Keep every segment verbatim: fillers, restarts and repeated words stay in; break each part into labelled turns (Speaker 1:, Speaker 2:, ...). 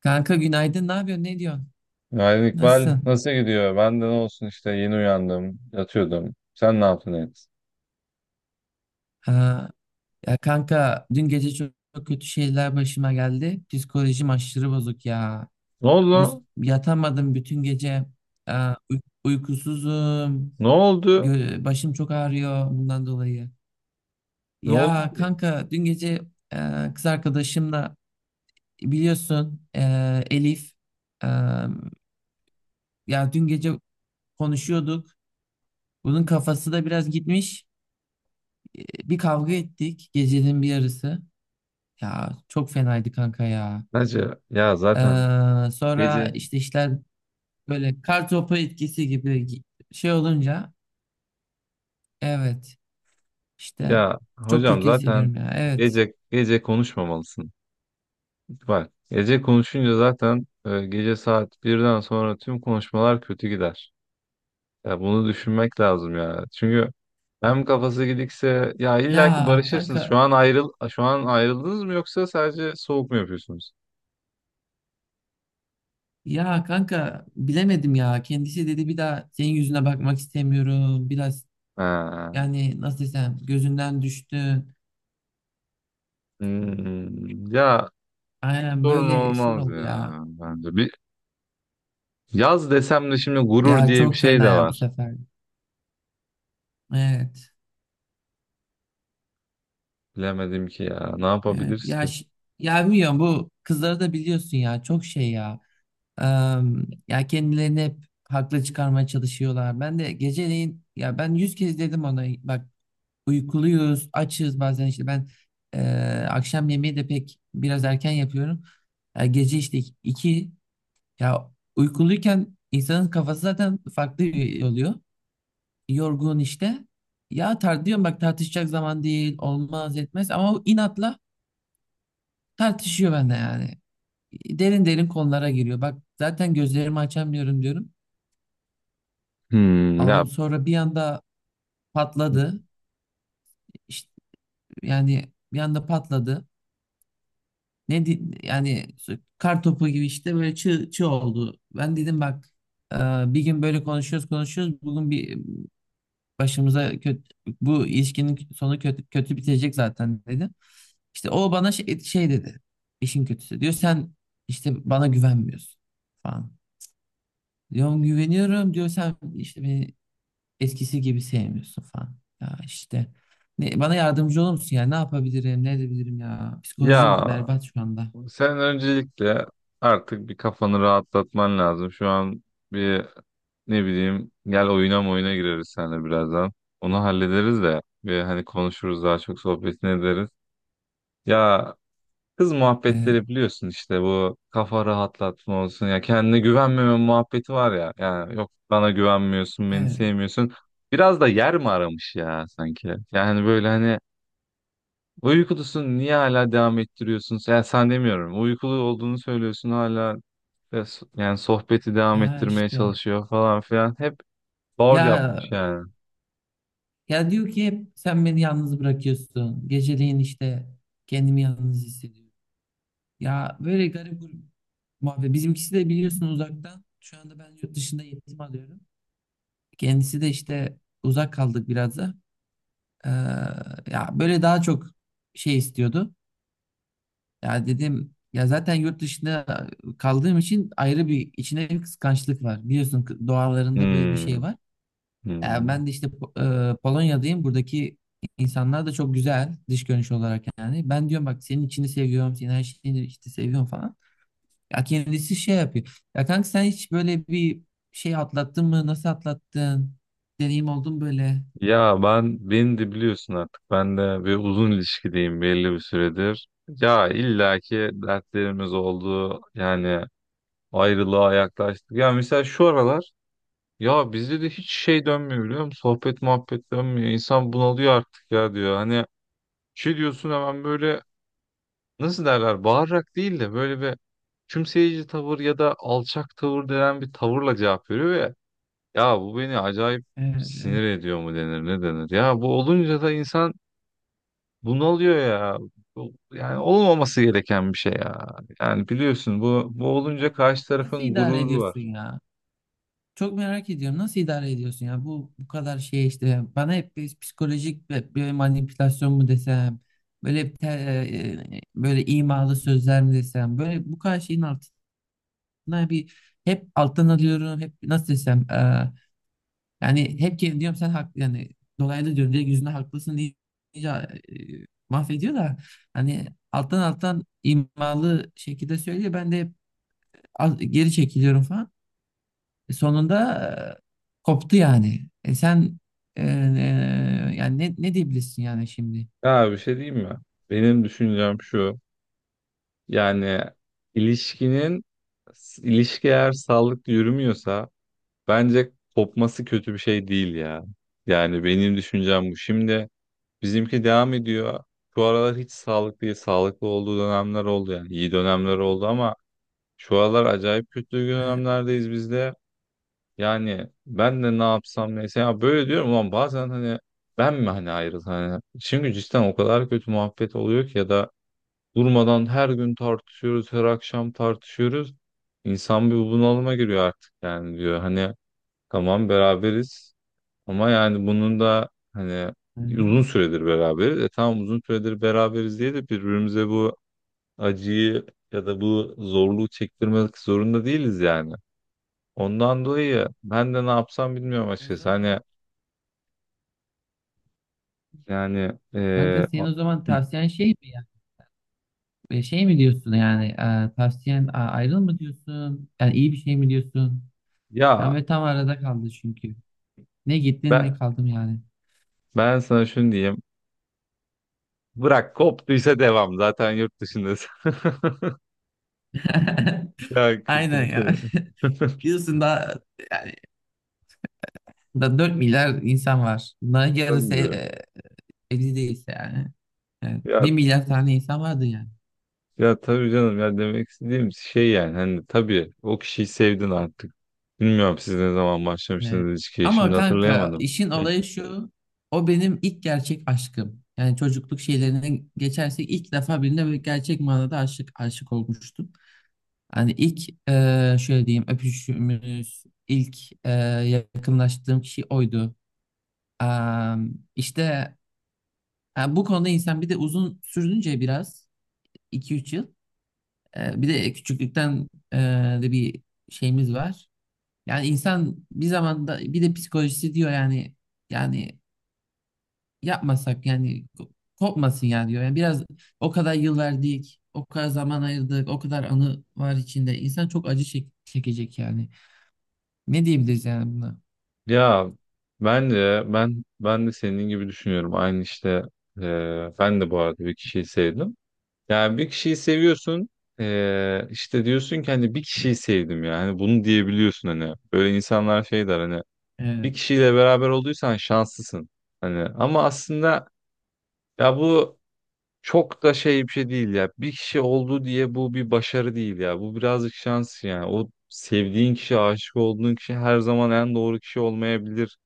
Speaker 1: Kanka günaydın. Ne yapıyorsun? Ne diyorsun?
Speaker 2: Günaydın İkbal.
Speaker 1: Nasılsın?
Speaker 2: Nasıl gidiyor? Ben de ne olsun işte yeni uyandım. Yatıyordum. Sen ne yaptın et?
Speaker 1: Ha, ya kanka dün gece çok, çok kötü şeyler başıma geldi. Psikolojim aşırı bozuk ya.
Speaker 2: Ne oldu,
Speaker 1: Bu
Speaker 2: lan?
Speaker 1: yatamadım bütün gece. Aa, uy- uykusuzum.
Speaker 2: Ne oldu?
Speaker 1: Gö- başım çok ağrıyor bundan dolayı.
Speaker 2: Ne oldu
Speaker 1: Ya
Speaker 2: ki?
Speaker 1: kanka dün gece e, kız arkadaşımla biliyorsun e, Elif e, ya dün gece konuşuyorduk. Bunun kafası da biraz gitmiş. E, Bir kavga ettik gecenin bir yarısı. Ya çok fenaydı kanka ya.
Speaker 2: Hacı, ya
Speaker 1: Ee,
Speaker 2: zaten
Speaker 1: sonra
Speaker 2: gece.
Speaker 1: işte işler böyle kar topu etkisi gibi gi- şey olunca evet işte
Speaker 2: Ya
Speaker 1: çok
Speaker 2: hocam,
Speaker 1: kötü
Speaker 2: zaten
Speaker 1: hissediyorum ya. Evet.
Speaker 2: gece gece konuşmamalısın. Bak gece konuşunca zaten e, gece saat birden sonra tüm konuşmalar kötü gider. Ya bunu düşünmek lazım ya. Çünkü hem kafası gidikse ya illa ki
Speaker 1: Ya
Speaker 2: barışırsınız. Şu
Speaker 1: kanka
Speaker 2: an ayrıl şu an ayrıldınız mı yoksa sadece soğuk mu yapıyorsunuz?
Speaker 1: ya kanka bilemedim ya. Kendisi dedi bir daha senin yüzüne bakmak istemiyorum. Biraz
Speaker 2: Ha.
Speaker 1: yani nasıl desem gözünden düştün.
Speaker 2: Hmm, ya
Speaker 1: Aynen
Speaker 2: sorun
Speaker 1: böyle şey
Speaker 2: olmaz
Speaker 1: oldu
Speaker 2: ya
Speaker 1: ya.
Speaker 2: bence. Bir yaz desem de şimdi gurur
Speaker 1: Ya
Speaker 2: diye bir
Speaker 1: çok
Speaker 2: şey
Speaker 1: fena
Speaker 2: de
Speaker 1: ya bu
Speaker 2: var.
Speaker 1: sefer. Evet.
Speaker 2: Bilemedim ki ya. Ne
Speaker 1: Evet,
Speaker 2: yapabiliriz
Speaker 1: ya
Speaker 2: ki?
Speaker 1: ş- ya bilmiyorum bu kızları da biliyorsun ya çok şey ya. Em, ya kendilerini hep haklı çıkarmaya çalışıyorlar. Ben de geceleyin ya ben yüz kez dedim ona bak uykuluyuz, açız bazen işte ben e, akşam yemeği de pek biraz erken yapıyorum. Ya gece işte iki ya uykuluyken insanın kafası zaten farklı oluyor. Yorgun işte. Ya tar diyorum bak tartışacak zaman değil, olmaz etmez ama o inatla tartışıyor bende yani. Derin derin konulara giriyor. Bak zaten gözlerimi açamıyorum diyorum.
Speaker 2: Hmm, ya
Speaker 1: Allahım sonra bir anda patladı. İşte, yani bir anda patladı. Ne di- yani kar topu gibi işte böyle çığ, çığ oldu. Ben dedim bak e, bir gün böyle konuşuyoruz konuşuyoruz. Bugün bir başımıza kötü, bu ilişkinin sonu kötü, kötü bitecek zaten dedim. İşte o bana şey, şey dedi. İşin kötüsü diyor sen işte bana güvenmiyorsun falan. Diyorum güveniyorum diyor sen işte beni eskisi gibi sevmiyorsun falan. Ya işte ne, bana yardımcı olur musun ya? Ne yapabilirim? Ne edebilirim ya? Psikolojim
Speaker 2: ya
Speaker 1: berbat şu anda.
Speaker 2: sen öncelikle artık bir kafanı rahatlatman lazım. Şu an bir ne bileyim gel oyuna oyuna gireriz seninle birazdan. Onu hallederiz de bir hani konuşuruz, daha çok sohbetini ederiz. Ya Kız
Speaker 1: Ee,
Speaker 2: muhabbetleri biliyorsun işte, bu kafa rahatlatma olsun ya, kendine güvenmeme muhabbeti var ya, yani yok bana güvenmiyorsun, beni
Speaker 1: evet,
Speaker 2: sevmiyorsun, biraz da yer mi aramış ya sanki, yani böyle hani uykulusun niye hala devam ettiriyorsun, yani sen demiyorum uykulu olduğunu söylüyorsun hala, e, so- yani sohbeti devam
Speaker 1: ya
Speaker 2: ettirmeye
Speaker 1: işte
Speaker 2: çalışıyor falan filan, hep bal
Speaker 1: ya
Speaker 2: yapmış yani.
Speaker 1: ya diyor ki hep sen beni yalnız bırakıyorsun. Geceleyin işte kendimi yalnız hissediyorum. Ya böyle garip bir muhabbet. Bizimkisi de biliyorsun uzaktan. Şu anda ben yurt dışında eğitim alıyorum. Kendisi de işte uzak kaldık biraz da. Ee, ya böyle daha çok şey istiyordu. Ya dedim ya zaten yurt dışında kaldığım için ayrı bir içine bir kıskançlık var. Biliyorsun kı- doğalarında böyle bir şey
Speaker 2: Hmm,
Speaker 1: var. Ya
Speaker 2: hmm.
Speaker 1: ben de işte Po- e, Polonya'dayım. Buradaki insanlar da çok güzel dış görünüş olarak yani. Ben diyorum bak senin içini seviyorum, senin her şeyini işte seviyorum falan. Ya kendisi şey yapıyor. Ya kanka sen hiç böyle bir şey atlattın mı? Nasıl atlattın? Deneyim oldu mu böyle?
Speaker 2: Ya ben, beni de biliyorsun artık. Ben de bir uzun ilişkideyim belli bir süredir. Ya illaki dertlerimiz oldu. Yani ayrılığa yaklaştık. Ya mesela şu aralar, ya bizde de hiç şey dönmüyor biliyor musun? Sohbet muhabbet dönmüyor. İnsan bunalıyor artık ya, diyor. Hani şey diyorsun hemen böyle, nasıl derler, bağırarak değil de böyle bir kümseyici tavır ya da alçak tavır denen bir tavırla cevap veriyor ve ya bu beni acayip
Speaker 1: Ee, e,
Speaker 2: sinir ediyor mu denir ne denir. Ya bu olunca da insan, bu ne oluyor ya? Bu, yani olmaması gereken bir şey ya. Yani biliyorsun, bu, bu olunca karşı
Speaker 1: nasıl
Speaker 2: tarafın
Speaker 1: idare
Speaker 2: gururu
Speaker 1: ediyorsun
Speaker 2: var.
Speaker 1: ya? Çok merak ediyorum. Nasıl idare ediyorsun ya? Bu bu kadar şey işte bana hep bir psikolojik bir, bir manipülasyon mu desem, böyle bir te- e, e, böyle imalı sözler mi desem, böyle bu kadar şeyin altına bir hep alttan alıyorum. Hep nasıl desem e, yani hep kendim diyorum sen haklı yani dolaylı diyorum direkt yüzüne haklısın deyince e, mahvediyor da hani alttan alttan imalı şekilde söylüyor. Ben de hep al- geri çekiliyorum falan. E, sonunda e, koptu yani. E sen e, e, yani ne, ne diyebilirsin yani şimdi?
Speaker 2: Ya bir şey diyeyim mi? Benim düşüncem şu. Yani ilişkinin ilişki eğer sağlıklı yürümüyorsa bence kopması kötü bir şey değil ya. Yani benim düşüncem bu. Şimdi bizimki devam ediyor. Şu aralar hiç sağlıklı değil. Sağlıklı olduğu dönemler oldu yani. İyi dönemler oldu ama şu aralar acayip kötü
Speaker 1: E,
Speaker 2: dönemlerdeyiz biz de. Yani ben de ne yapsam mesela, böyle diyorum ulan bazen, hani ben mi, hani ayrıl, hani çünkü cidden o kadar kötü muhabbet oluyor ki, ya da durmadan her gün tartışıyoruz, her akşam tartışıyoruz. İnsan bir bunalıma giriyor artık yani, diyor hani tamam beraberiz ama yani bunun da hani
Speaker 1: hı hı.
Speaker 2: uzun süredir beraberiz, e tamam uzun süredir beraberiz diye de birbirimize bu acıyı ya da bu zorluğu çektirmek zorunda değiliz yani. Ondan dolayı ben de ne yapsam bilmiyorum
Speaker 1: O
Speaker 2: açıkçası. Hani
Speaker 1: zaman
Speaker 2: yani
Speaker 1: kanka
Speaker 2: eee,
Speaker 1: senin
Speaker 2: a-
Speaker 1: o zaman tavsiyen şey mi ya? E, Şey mi diyorsun yani e, tavsiyen a- ayrıl mı diyorsun? Yani iyi bir şey mi diyorsun? Ben
Speaker 2: ya
Speaker 1: ve tam arada kaldı çünkü. Ne gittin ne
Speaker 2: ben
Speaker 1: kaldım yani.
Speaker 2: ben sana şunu diyeyim. Bırak koptuysa devam. Zaten yurt dışındasın. Ya kötü
Speaker 1: Aynen
Speaker 2: bir şey.
Speaker 1: ya. Diyorsun da yani da dört milyar insan var. Bunların yarısı
Speaker 2: Tabii.
Speaker 1: e, evli değilse yani. Evet. 1
Speaker 2: Ya
Speaker 1: milyar tane insan vardı yani.
Speaker 2: ya tabii canım ya, demek istediğim şey yani hani, tabii o kişiyi sevdin artık. Bilmiyorum siz ne zaman
Speaker 1: Ee,
Speaker 2: başlamıştınız ilişkiye,
Speaker 1: ama
Speaker 2: şimdi
Speaker 1: kanka
Speaker 2: hatırlayamadım.
Speaker 1: işin olayı şu. O benim ilk gerçek aşkım. Yani çocukluk şeylerine geçersek ilk defa birine böyle gerçek manada aşık aşık olmuştum. Hani ilk e, şöyle diyeyim öpüşümüz, ilk e, yakınlaştığım kişi oydu. Am, işte ha, bu konuda insan bir de uzun sürdünce biraz iki üç yıl. e, bir de küçüklükten e, de bir şeyimiz var. Yani insan bir zamanda bir de psikolojisi diyor yani yani yapmasak yani ko- kopmasın ya diyor. Yani biraz o kadar yıl verdik, o kadar zaman ayırdık, o kadar anı var içinde. İnsan çok acı çek- çekecek yani. Ne diyebiliriz yani buna?
Speaker 2: Ya bence ben ben de senin gibi düşünüyorum. Aynı işte, e, ben de bu arada bir kişiyi sevdim. Yani bir kişiyi seviyorsun, e, işte diyorsun ki hani bir kişiyi sevdim ya. Hani bunu diyebiliyorsun hani. Böyle insanlar şey der hani, bir
Speaker 1: Evet,
Speaker 2: kişiyle beraber olduysan şanslısın. Hani ama aslında ya bu çok da şey bir şey değil ya. Bir kişi oldu diye bu bir başarı değil ya. Bu birazcık şans yani. O sevdiğin kişi, aşık olduğun kişi her zaman en doğru kişi olmayabilir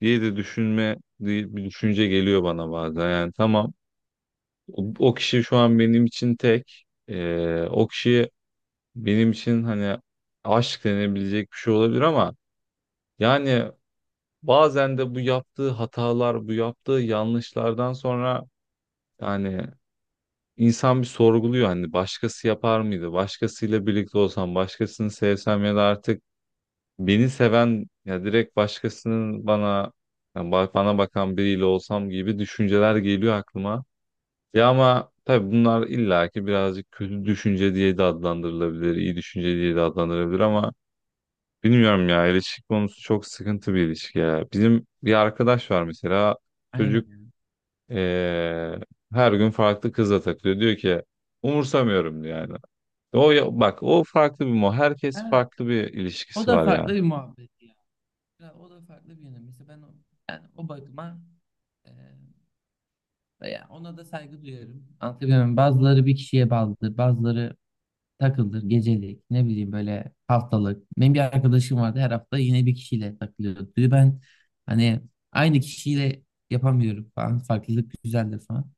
Speaker 2: diye de düşünme diye bir düşünce geliyor bana bazen. Yani tamam o, o kişi şu an benim için tek. Ee, o kişi benim için hani aşk denebilecek bir şey olabilir ama yani bazen de bu yaptığı hatalar, bu yaptığı yanlışlardan sonra, yani insan bir sorguluyor hani, başkası yapar mıydı? Başkasıyla birlikte olsam, başkasını sevsem ya da artık beni seven ya, direkt başkasının, bana yani ba- bana bakan biriyle olsam gibi düşünceler geliyor aklıma. Ya ama tabii bunlar illaki birazcık kötü düşünce diye de adlandırılabilir, iyi düşünce diye de adlandırılabilir, ama bilmiyorum ya, ilişki konusu çok sıkıntı bir ilişki ya. Bizim bir arkadaş var mesela, çocuk,
Speaker 1: aynen.
Speaker 2: eee, her gün farklı kızla takılıyor. Diyor ki umursamıyorum, diyor yani. O ya- bak, o farklı bir mo. Herkes
Speaker 1: Ha,
Speaker 2: farklı bir
Speaker 1: o
Speaker 2: ilişkisi
Speaker 1: da
Speaker 2: var
Speaker 1: farklı
Speaker 2: yani.
Speaker 1: bir muhabbet ya. Ya o da farklı bir yönü. Mesela ben o, yani o bakıma e, ya ona da saygı duyarım. Anlatabiliyor muyum? Bazıları bir kişiye bağlıdır, bazıları takılır, gecelik, ne bileyim böyle haftalık. Benim bir arkadaşım vardı her hafta yine bir kişiyle takılıyordu. Diyor, ben hani aynı kişiyle yapamıyorum falan. Farklılık güzeldir falan.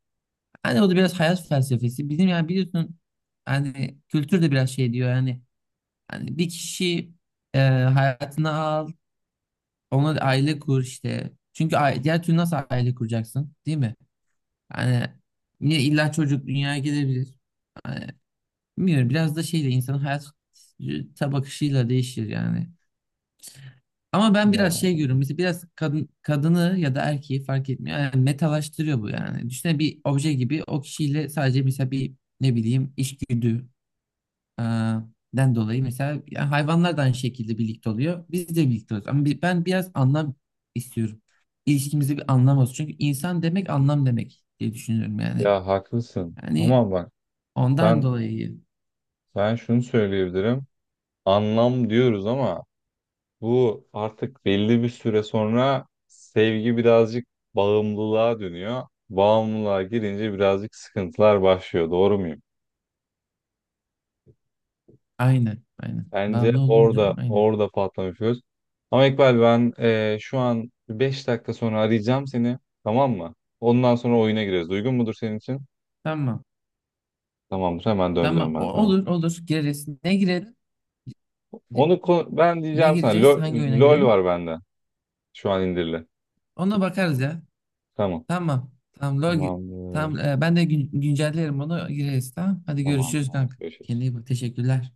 Speaker 1: Hani o da biraz hayat felsefesi. Bizim yani biliyorsun hani kültür de biraz şey diyor yani hani bir kişi e, hayatına al, ona da aile kur işte. Çünkü ai- diğer türlü nasıl aile kuracaksın, değil mi? Hani yine illa çocuk dünyaya gelebilir. Hani, bilmiyorum biraz da şeyle insanın hayata bakışıyla değişir yani. Ama ben biraz şey görüyorum. Mesela biraz kadın kadını ya da erkeği fark etmiyor. Yani metalaştırıyor bu yani. Düşünsene bir obje gibi o kişiyle sadece mesela bir ne bileyim içgüdü e, den dolayı mesela yani hayvanlar da aynı şekilde birlikte oluyor. Biz de birlikte oluyoruz. Ama bi- ben biraz anlam istiyorum. İlişkimize bir anlam olsun. Çünkü insan demek anlam demek diye düşünüyorum yani.
Speaker 2: Ya haklısın.
Speaker 1: Yani
Speaker 2: Ama bak
Speaker 1: ondan
Speaker 2: ben
Speaker 1: dolayı
Speaker 2: ben şunu söyleyebilirim. Anlam diyoruz ama bu artık belli bir süre sonra sevgi birazcık bağımlılığa dönüyor. Bağımlılığa girince birazcık sıkıntılar başlıyor. Doğru muyum?
Speaker 1: aynı. Aynen.
Speaker 2: Bence
Speaker 1: Bağımlı olunca
Speaker 2: orada
Speaker 1: aynı.
Speaker 2: orada patlamış göz. Ama İkbal, ben eee, şu an beş dakika sonra arayacağım seni. Tamam mı? Ondan sonra oyuna gireriz. Uygun mudur senin için?
Speaker 1: Tamam.
Speaker 2: Tamamdır. Hemen döneceğim
Speaker 1: Tamam.
Speaker 2: ben
Speaker 1: O-
Speaker 2: sana.
Speaker 1: olur olur. Gireriz. Ne girelim?
Speaker 2: Onu ko- ben
Speaker 1: Ne
Speaker 2: diyeceğim sana.
Speaker 1: gireceğiz?
Speaker 2: Lo-
Speaker 1: Hangi oyuna
Speaker 2: LOL
Speaker 1: girelim?
Speaker 2: var bende. Şu an indirili.
Speaker 1: Ona bakarız ya.
Speaker 2: Tamam.
Speaker 1: Tamam. Tamam. LoL gi-
Speaker 2: Tamamdır.
Speaker 1: tamam. e, ben de gün- güncellerim onu gireriz. Tamam. Hadi
Speaker 2: Tamam.
Speaker 1: görüşürüz
Speaker 2: Tamam.
Speaker 1: kanka. Kendine
Speaker 2: Görüşürüz.
Speaker 1: iyi bak. Teşekkürler.